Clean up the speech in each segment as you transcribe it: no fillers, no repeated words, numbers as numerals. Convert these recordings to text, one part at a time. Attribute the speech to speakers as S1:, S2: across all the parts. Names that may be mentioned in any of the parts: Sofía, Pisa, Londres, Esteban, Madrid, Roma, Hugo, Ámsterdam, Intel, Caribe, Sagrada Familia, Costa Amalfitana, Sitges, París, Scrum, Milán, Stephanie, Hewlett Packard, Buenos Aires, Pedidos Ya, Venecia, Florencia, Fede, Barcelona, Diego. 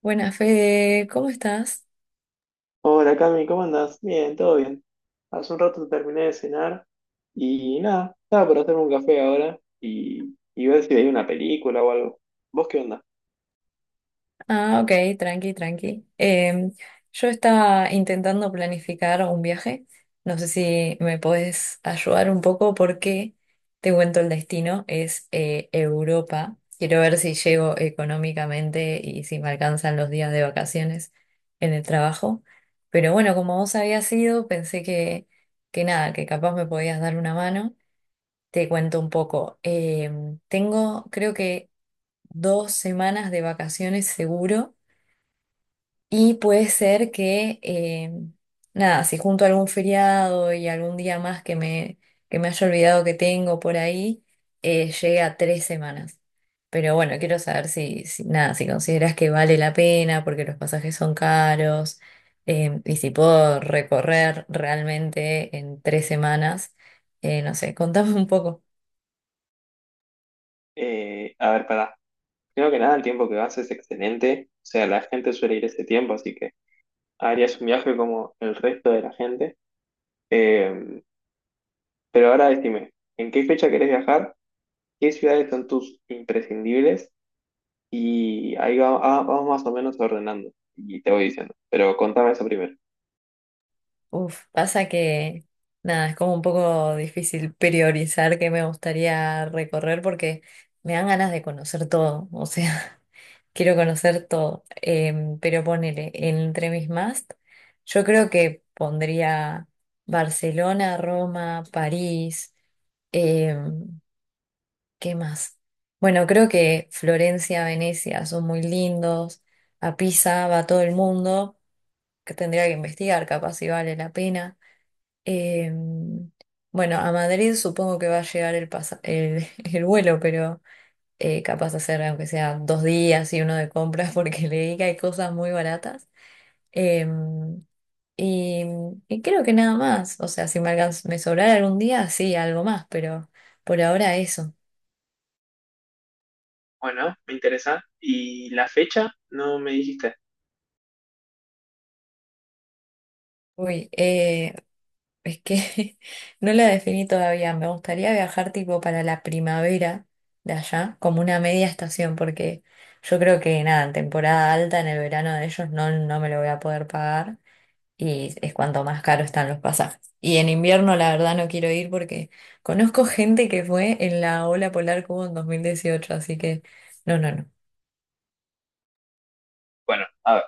S1: Buenas, Fede, ¿cómo estás?
S2: Hola Cami, ¿cómo andas? Bien, todo bien. Hace un rato terminé de cenar y nada, estaba por hacerme un café ahora y ver si veía una película o algo. ¿Vos qué onda?
S1: Ah, ok, tranqui, tranqui. Yo estaba intentando planificar un viaje. No sé si me podés ayudar un poco porque te cuento el destino, es Europa. Quiero ver si llego económicamente y si me alcanzan los días de vacaciones en el trabajo. Pero bueno, como vos habías ido, pensé que nada, que capaz me podías dar una mano. Te cuento un poco. Tengo, creo que 2 semanas de vacaciones seguro y puede ser que, nada, si junto algún feriado y algún día más que me haya olvidado que tengo por ahí, llegue a 3 semanas. Pero bueno, quiero saber nada, si consideras que vale la pena porque los pasajes son caros, y si puedo recorrer realmente en 3 semanas, no sé, contame un poco.
S2: A ver, pará. Primero que nada, el tiempo que vas es excelente. O sea, la gente suele ir ese tiempo, así que harías un viaje como el resto de la gente. Eh, pero ahora decime, ¿en qué fecha querés viajar? ¿Qué ciudades son tus imprescindibles? Y vamos más o menos ordenando y te voy diciendo. Pero contame eso primero.
S1: Uf, pasa que nada, es como un poco difícil priorizar qué me gustaría recorrer porque me dan ganas de conocer todo, o sea, quiero conocer todo. Pero ponele, entre mis más, yo creo que pondría Barcelona, Roma, París, em, ¿qué más? Bueno, creo que Florencia, Venecia son muy lindos, a Pisa va todo el mundo, que tendría que investigar, capaz si vale la pena. Em, bueno, a Madrid supongo que va a llegar el vuelo, pero capaz hacer aunque sea 2 días y uno de compras porque leí que hay cosas muy baratas. Em, y, y creo que nada más, o sea, si me sobrara algún día, sí, algo más, pero por ahora eso.
S2: Bueno, me interesa. ¿Y la fecha? No me dijiste.
S1: Uy, es que no la definí todavía. Me gustaría viajar tipo para la primavera de allá, como una media estación, porque yo creo que nada, en temporada alta, en el verano de ellos, no, no me lo voy a poder pagar y es cuanto más caro están los pasajes. Y en invierno, la verdad, no quiero ir porque conozco gente que fue en la ola polar que hubo en 2018, así que no, no, no.
S2: Bueno, a ver.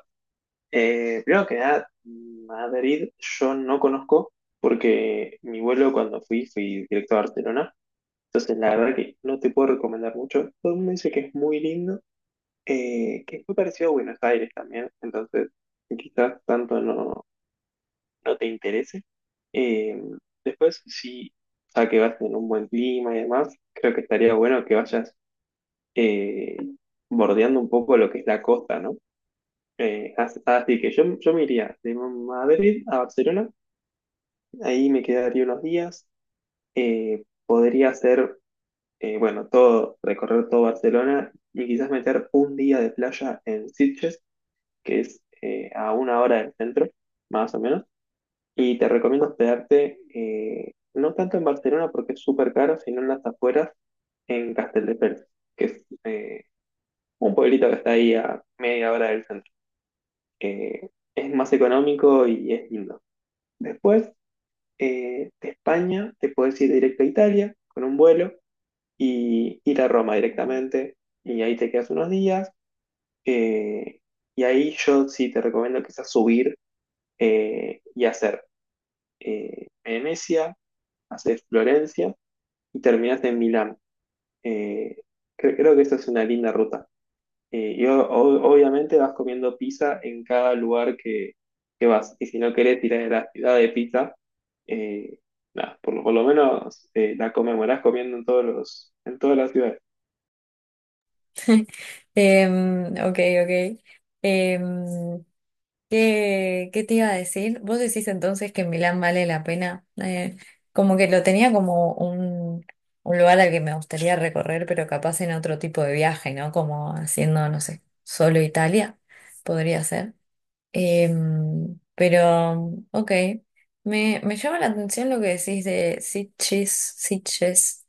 S2: Primero que nada, Madrid yo no conozco porque mi vuelo cuando fui fui directo a Barcelona. Entonces la verdad que no te puedo recomendar mucho. Todo el mundo dice que es muy lindo, que es muy parecido a Buenos Aires también. Entonces quizás tanto no, no te interese. Eh, Después, si ya que vas en un buen clima y demás, creo que estaría bueno que vayas eh, bordeando un poco lo que es la costa, ¿no? Así que yo me iría de Madrid a Barcelona, ahí me quedaría unos días, podría hacer, bueno, todo, recorrer todo Barcelona y quizás meter un día de playa en Sitges, que es a una hora del centro, más o menos, y te recomiendo hospedarte no tanto en Barcelona porque es súper caro, sino en las afueras, en Castelldefels, que es un pueblito que está ahí a media hora del centro. eh, es más económico y es lindo. Después, de España, te puedes ir directo a Italia con un vuelo y ir a Roma directamente. Y ahí te quedas unos días. eh, y ahí yo sí te recomiendo quizás subir y hacer Venecia, hacer Florencia y terminas en Milán. Eh, Creo que esa es una linda ruta. Y obviamente vas comiendo pizza en cada lugar que vas. Y si no querés tirar de la ciudad de pizza, eh, nada, por lo menos la conmemorás comiendo en en todas las ciudades.
S1: Ok, ok. Em, ¿Qué te iba a decir? ¿Vos decís entonces que Milán vale la pena? Como que lo tenía como un lugar al que me gustaría recorrer, pero capaz en otro tipo de viaje, ¿no? Como haciendo, no sé, solo Italia, podría ser. Pero, ok, me llama la atención lo que decís de Sitges, Sitges.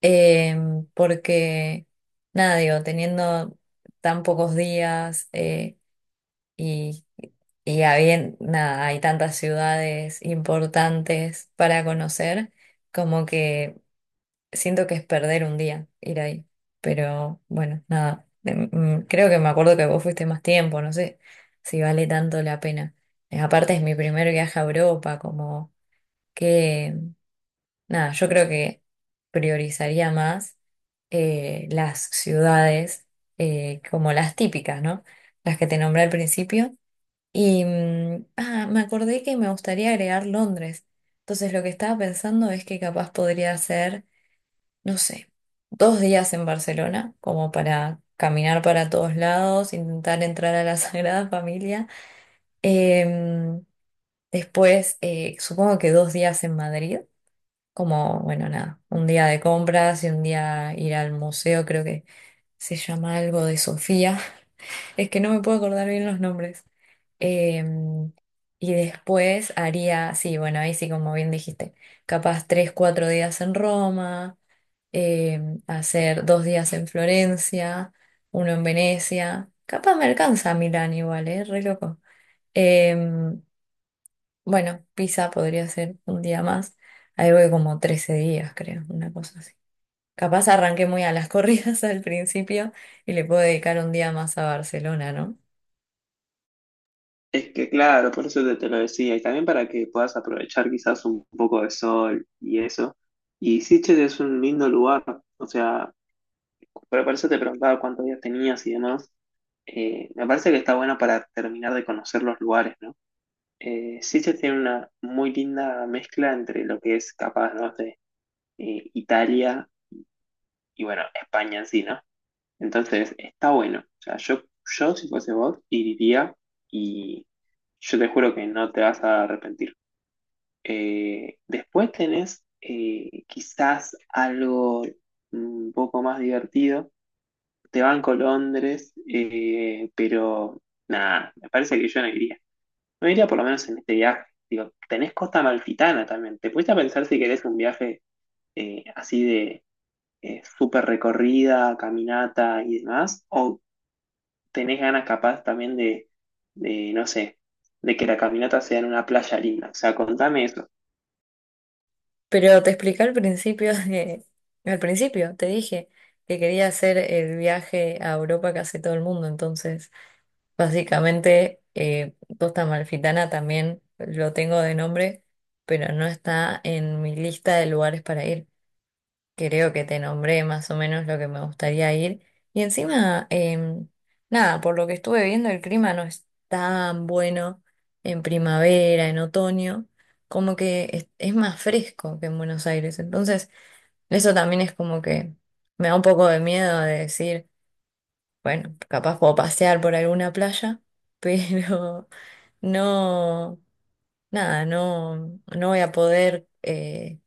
S1: Porque, nada, digo, teniendo tan pocos días, y, nada, hay tantas ciudades importantes para conocer, como que siento que es perder un día ir ahí. Pero bueno, nada, creo que me acuerdo que vos fuiste más tiempo, no sé si vale tanto la pena. Aparte es mi primer viaje a Europa, como que, nada, yo creo que priorizaría más, las ciudades, como las típicas, ¿no? Las que te nombré al principio y ah, me acordé que me gustaría agregar Londres. Entonces lo que estaba pensando es que capaz podría ser, no sé, 2 días en Barcelona, como para caminar para todos lados, intentar entrar a la Sagrada Familia. Em, después, supongo que 2 días en Madrid, como, bueno, nada, un día de compras y un día ir al museo, creo que se llama algo de Sofía. Es que no me puedo acordar bien los nombres. Em, y después haría, sí, bueno, ahí sí, como bien dijiste, capaz 3, 4 días en Roma, hacer 2 días en Florencia, uno en Venecia. Capaz me alcanza a Milán igual, ¿eh? Re loco. Em, bueno, Pisa podría ser un día más. Ahí voy como 13 días, creo, una cosa así. Capaz arranqué muy a las corridas al principio y le puedo dedicar un día más a Barcelona, ¿no?
S2: Es que claro, por eso te lo decía, y también para que puedas aprovechar quizás un poco de sol y eso. Y Sitges es un lindo lugar, o sea, pero por eso te preguntaba cuántos días tenías y demás. Me parece que está bueno para terminar de conocer los lugares, ¿no? Sí se tiene una muy linda mezcla entre lo que es capaz, ¿no? de Italia y bueno, España en sí, ¿no? Entonces, está bueno. O sea, yo si fuese vos, iría y yo te juro que no te vas a arrepentir. Después tenés quizás algo un poco más divertido. Te banco Londres, pero nada, me parece que yo no iría. No iría por lo menos en este viaje. Digo, tenés Costa Amalfitana también. ¿Te pusiste a pensar si querés un viaje así de súper recorrida, caminata y demás? ¿O tenés ganas capaz también no sé, de que la caminata sea en una playa linda? O sea, contame eso.
S1: Pero te expliqué al principio te dije que quería hacer el viaje a Europa que hace todo el mundo, entonces básicamente, Costa Amalfitana también lo tengo de nombre, pero no está en mi lista de lugares para ir. Creo que te nombré más o menos lo que me gustaría ir. Y encima, nada, por lo que estuve viendo, el clima no es tan bueno en primavera, en otoño, como que es más fresco que en Buenos Aires. Entonces, eso también es como que me da un poco de miedo de decir, bueno, capaz puedo pasear por alguna playa, pero no, nada, no, no voy a poder...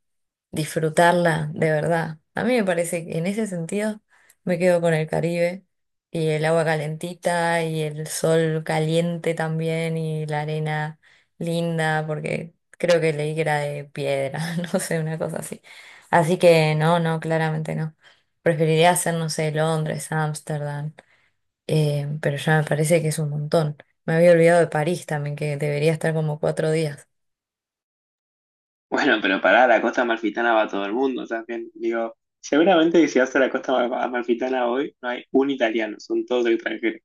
S1: disfrutarla de verdad. A mí me parece que en ese sentido me quedo con el Caribe y el agua calentita y el sol caliente también y la arena linda, porque creo que leí que era de piedra, no sé, una cosa así. Así que no, no, claramente no. Preferiría hacer, no sé, Londres, Ámsterdam, pero ya me parece que es un montón. Me había olvidado de París también, que debería estar como 4 días.
S2: Bueno, pero pará, la Costa Amalfitana va a todo el mundo también. Digo, seguramente que si vas a la Costa Amalfitana hoy, no hay un italiano, son todos extranjeros.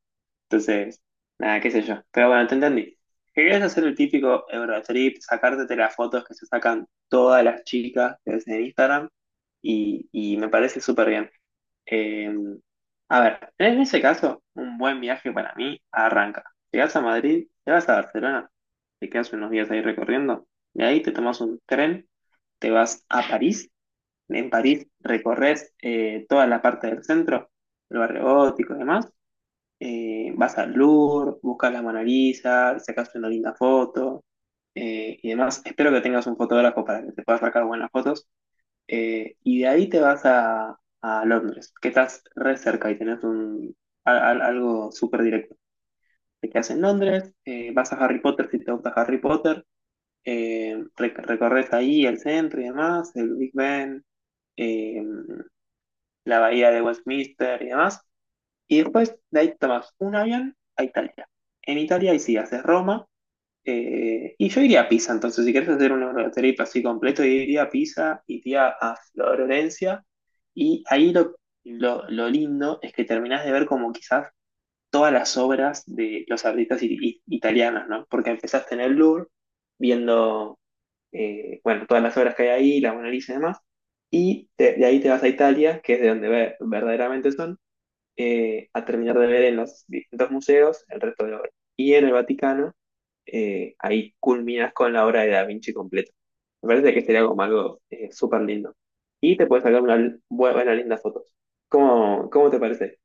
S2: Entonces, nada, qué sé yo. Pero bueno, te entendí. Querías hacer el típico Eurotrip, sacarte las fotos que se sacan todas las chicas que ves en Instagram y me parece súper bien. Eh, a ver, en ese caso, un buen viaje para mí arranca. Llegas a Madrid, te vas a Barcelona, te quedas unos días ahí recorriendo, de ahí te tomas un tren, te vas a París, en París recorres toda la parte del centro, el barrio gótico y demás vas al Louvre, buscas la Mona Lisa, sacas una linda foto y demás. Espero que tengas un fotógrafo para que te puedas sacar buenas fotos. Y de ahí te vas a Londres, que estás re cerca y tenés algo súper directo. Te quedas en Londres, vas a Harry Potter si te gusta Harry Potter, recorres ahí el centro y demás, el Big Ben, eh, la bahía de Westminster y demás. Y después de ahí tomas un avión a Italia. En Italia ahí sí haces Roma. Y yo iría a Pisa, entonces si querés hacer un Eurotrip así completo, yo iría a Pisa, iría a Florencia. Y ahí lo lindo es que terminás de ver como quizás todas las obras de los artistas italianos, ¿no? Porque empezaste en el Louvre viendo, bueno, todas las obras que hay ahí, la Mona Lisa y demás. Y de ahí te vas a Italia, que es de donde verdaderamente son a terminar de ver en los distintos museos el resto de la obra. Y en el Vaticano, ahí culminas con la obra de Da Vinci completa. Me parece que sería como algo súper lindo. Y te puedes sacar buena, linda fotos. ¿Cómo, cómo te parece?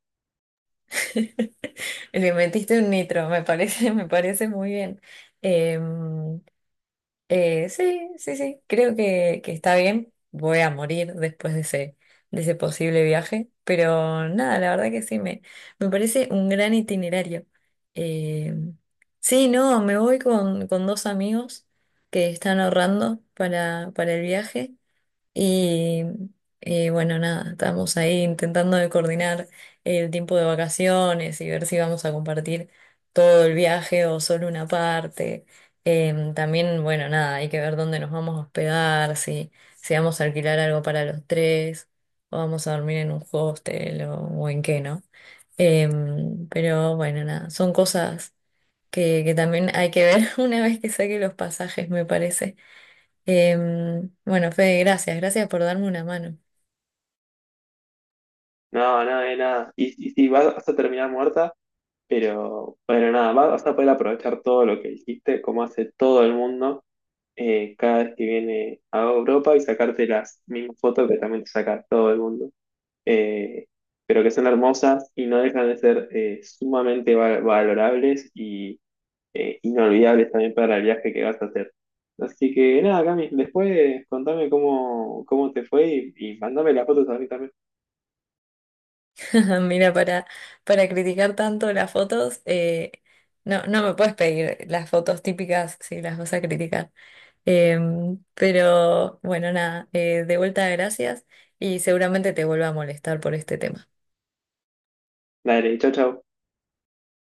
S1: Le metiste un nitro, me parece, me parece muy bien. Em, sí, sí, sí, creo que está bien. Voy a morir después de ese posible viaje, pero nada, la verdad que sí, me parece un gran itinerario. Em, sí, no, me voy con dos amigos que están ahorrando para el viaje. Y bueno, nada, estamos ahí intentando de coordinar el tiempo de vacaciones y ver si vamos a compartir todo el viaje o solo una parte. También, bueno, nada, hay que ver dónde nos vamos a hospedar, si vamos a alquilar algo para los tres, o vamos a dormir en un hostel o en qué, ¿no? Pero bueno, nada, son cosas que también hay que ver una vez que saque los pasajes, me parece. Bueno, Fede, gracias, gracias por darme una mano.
S2: No, nada de nada. Y sí, vas a terminar muerta, pero bueno, nada, vas a poder aprovechar todo lo que hiciste, como hace todo el mundo cada vez que viene a Europa y sacarte las mismas fotos que también te saca todo el mundo. eh, pero que son hermosas y no dejan de ser sumamente valorables y inolvidables también para el viaje que vas a hacer. Así que nada, Cami, después contame cómo, cómo te fue y mandame las fotos a mí también.
S1: Mira, para criticar tanto las fotos, no, no me puedes pedir las fotos típicas si las vas a criticar. Pero bueno, nada, de vuelta gracias y seguramente te vuelva a molestar por este tema.
S2: Dale, chao, chao.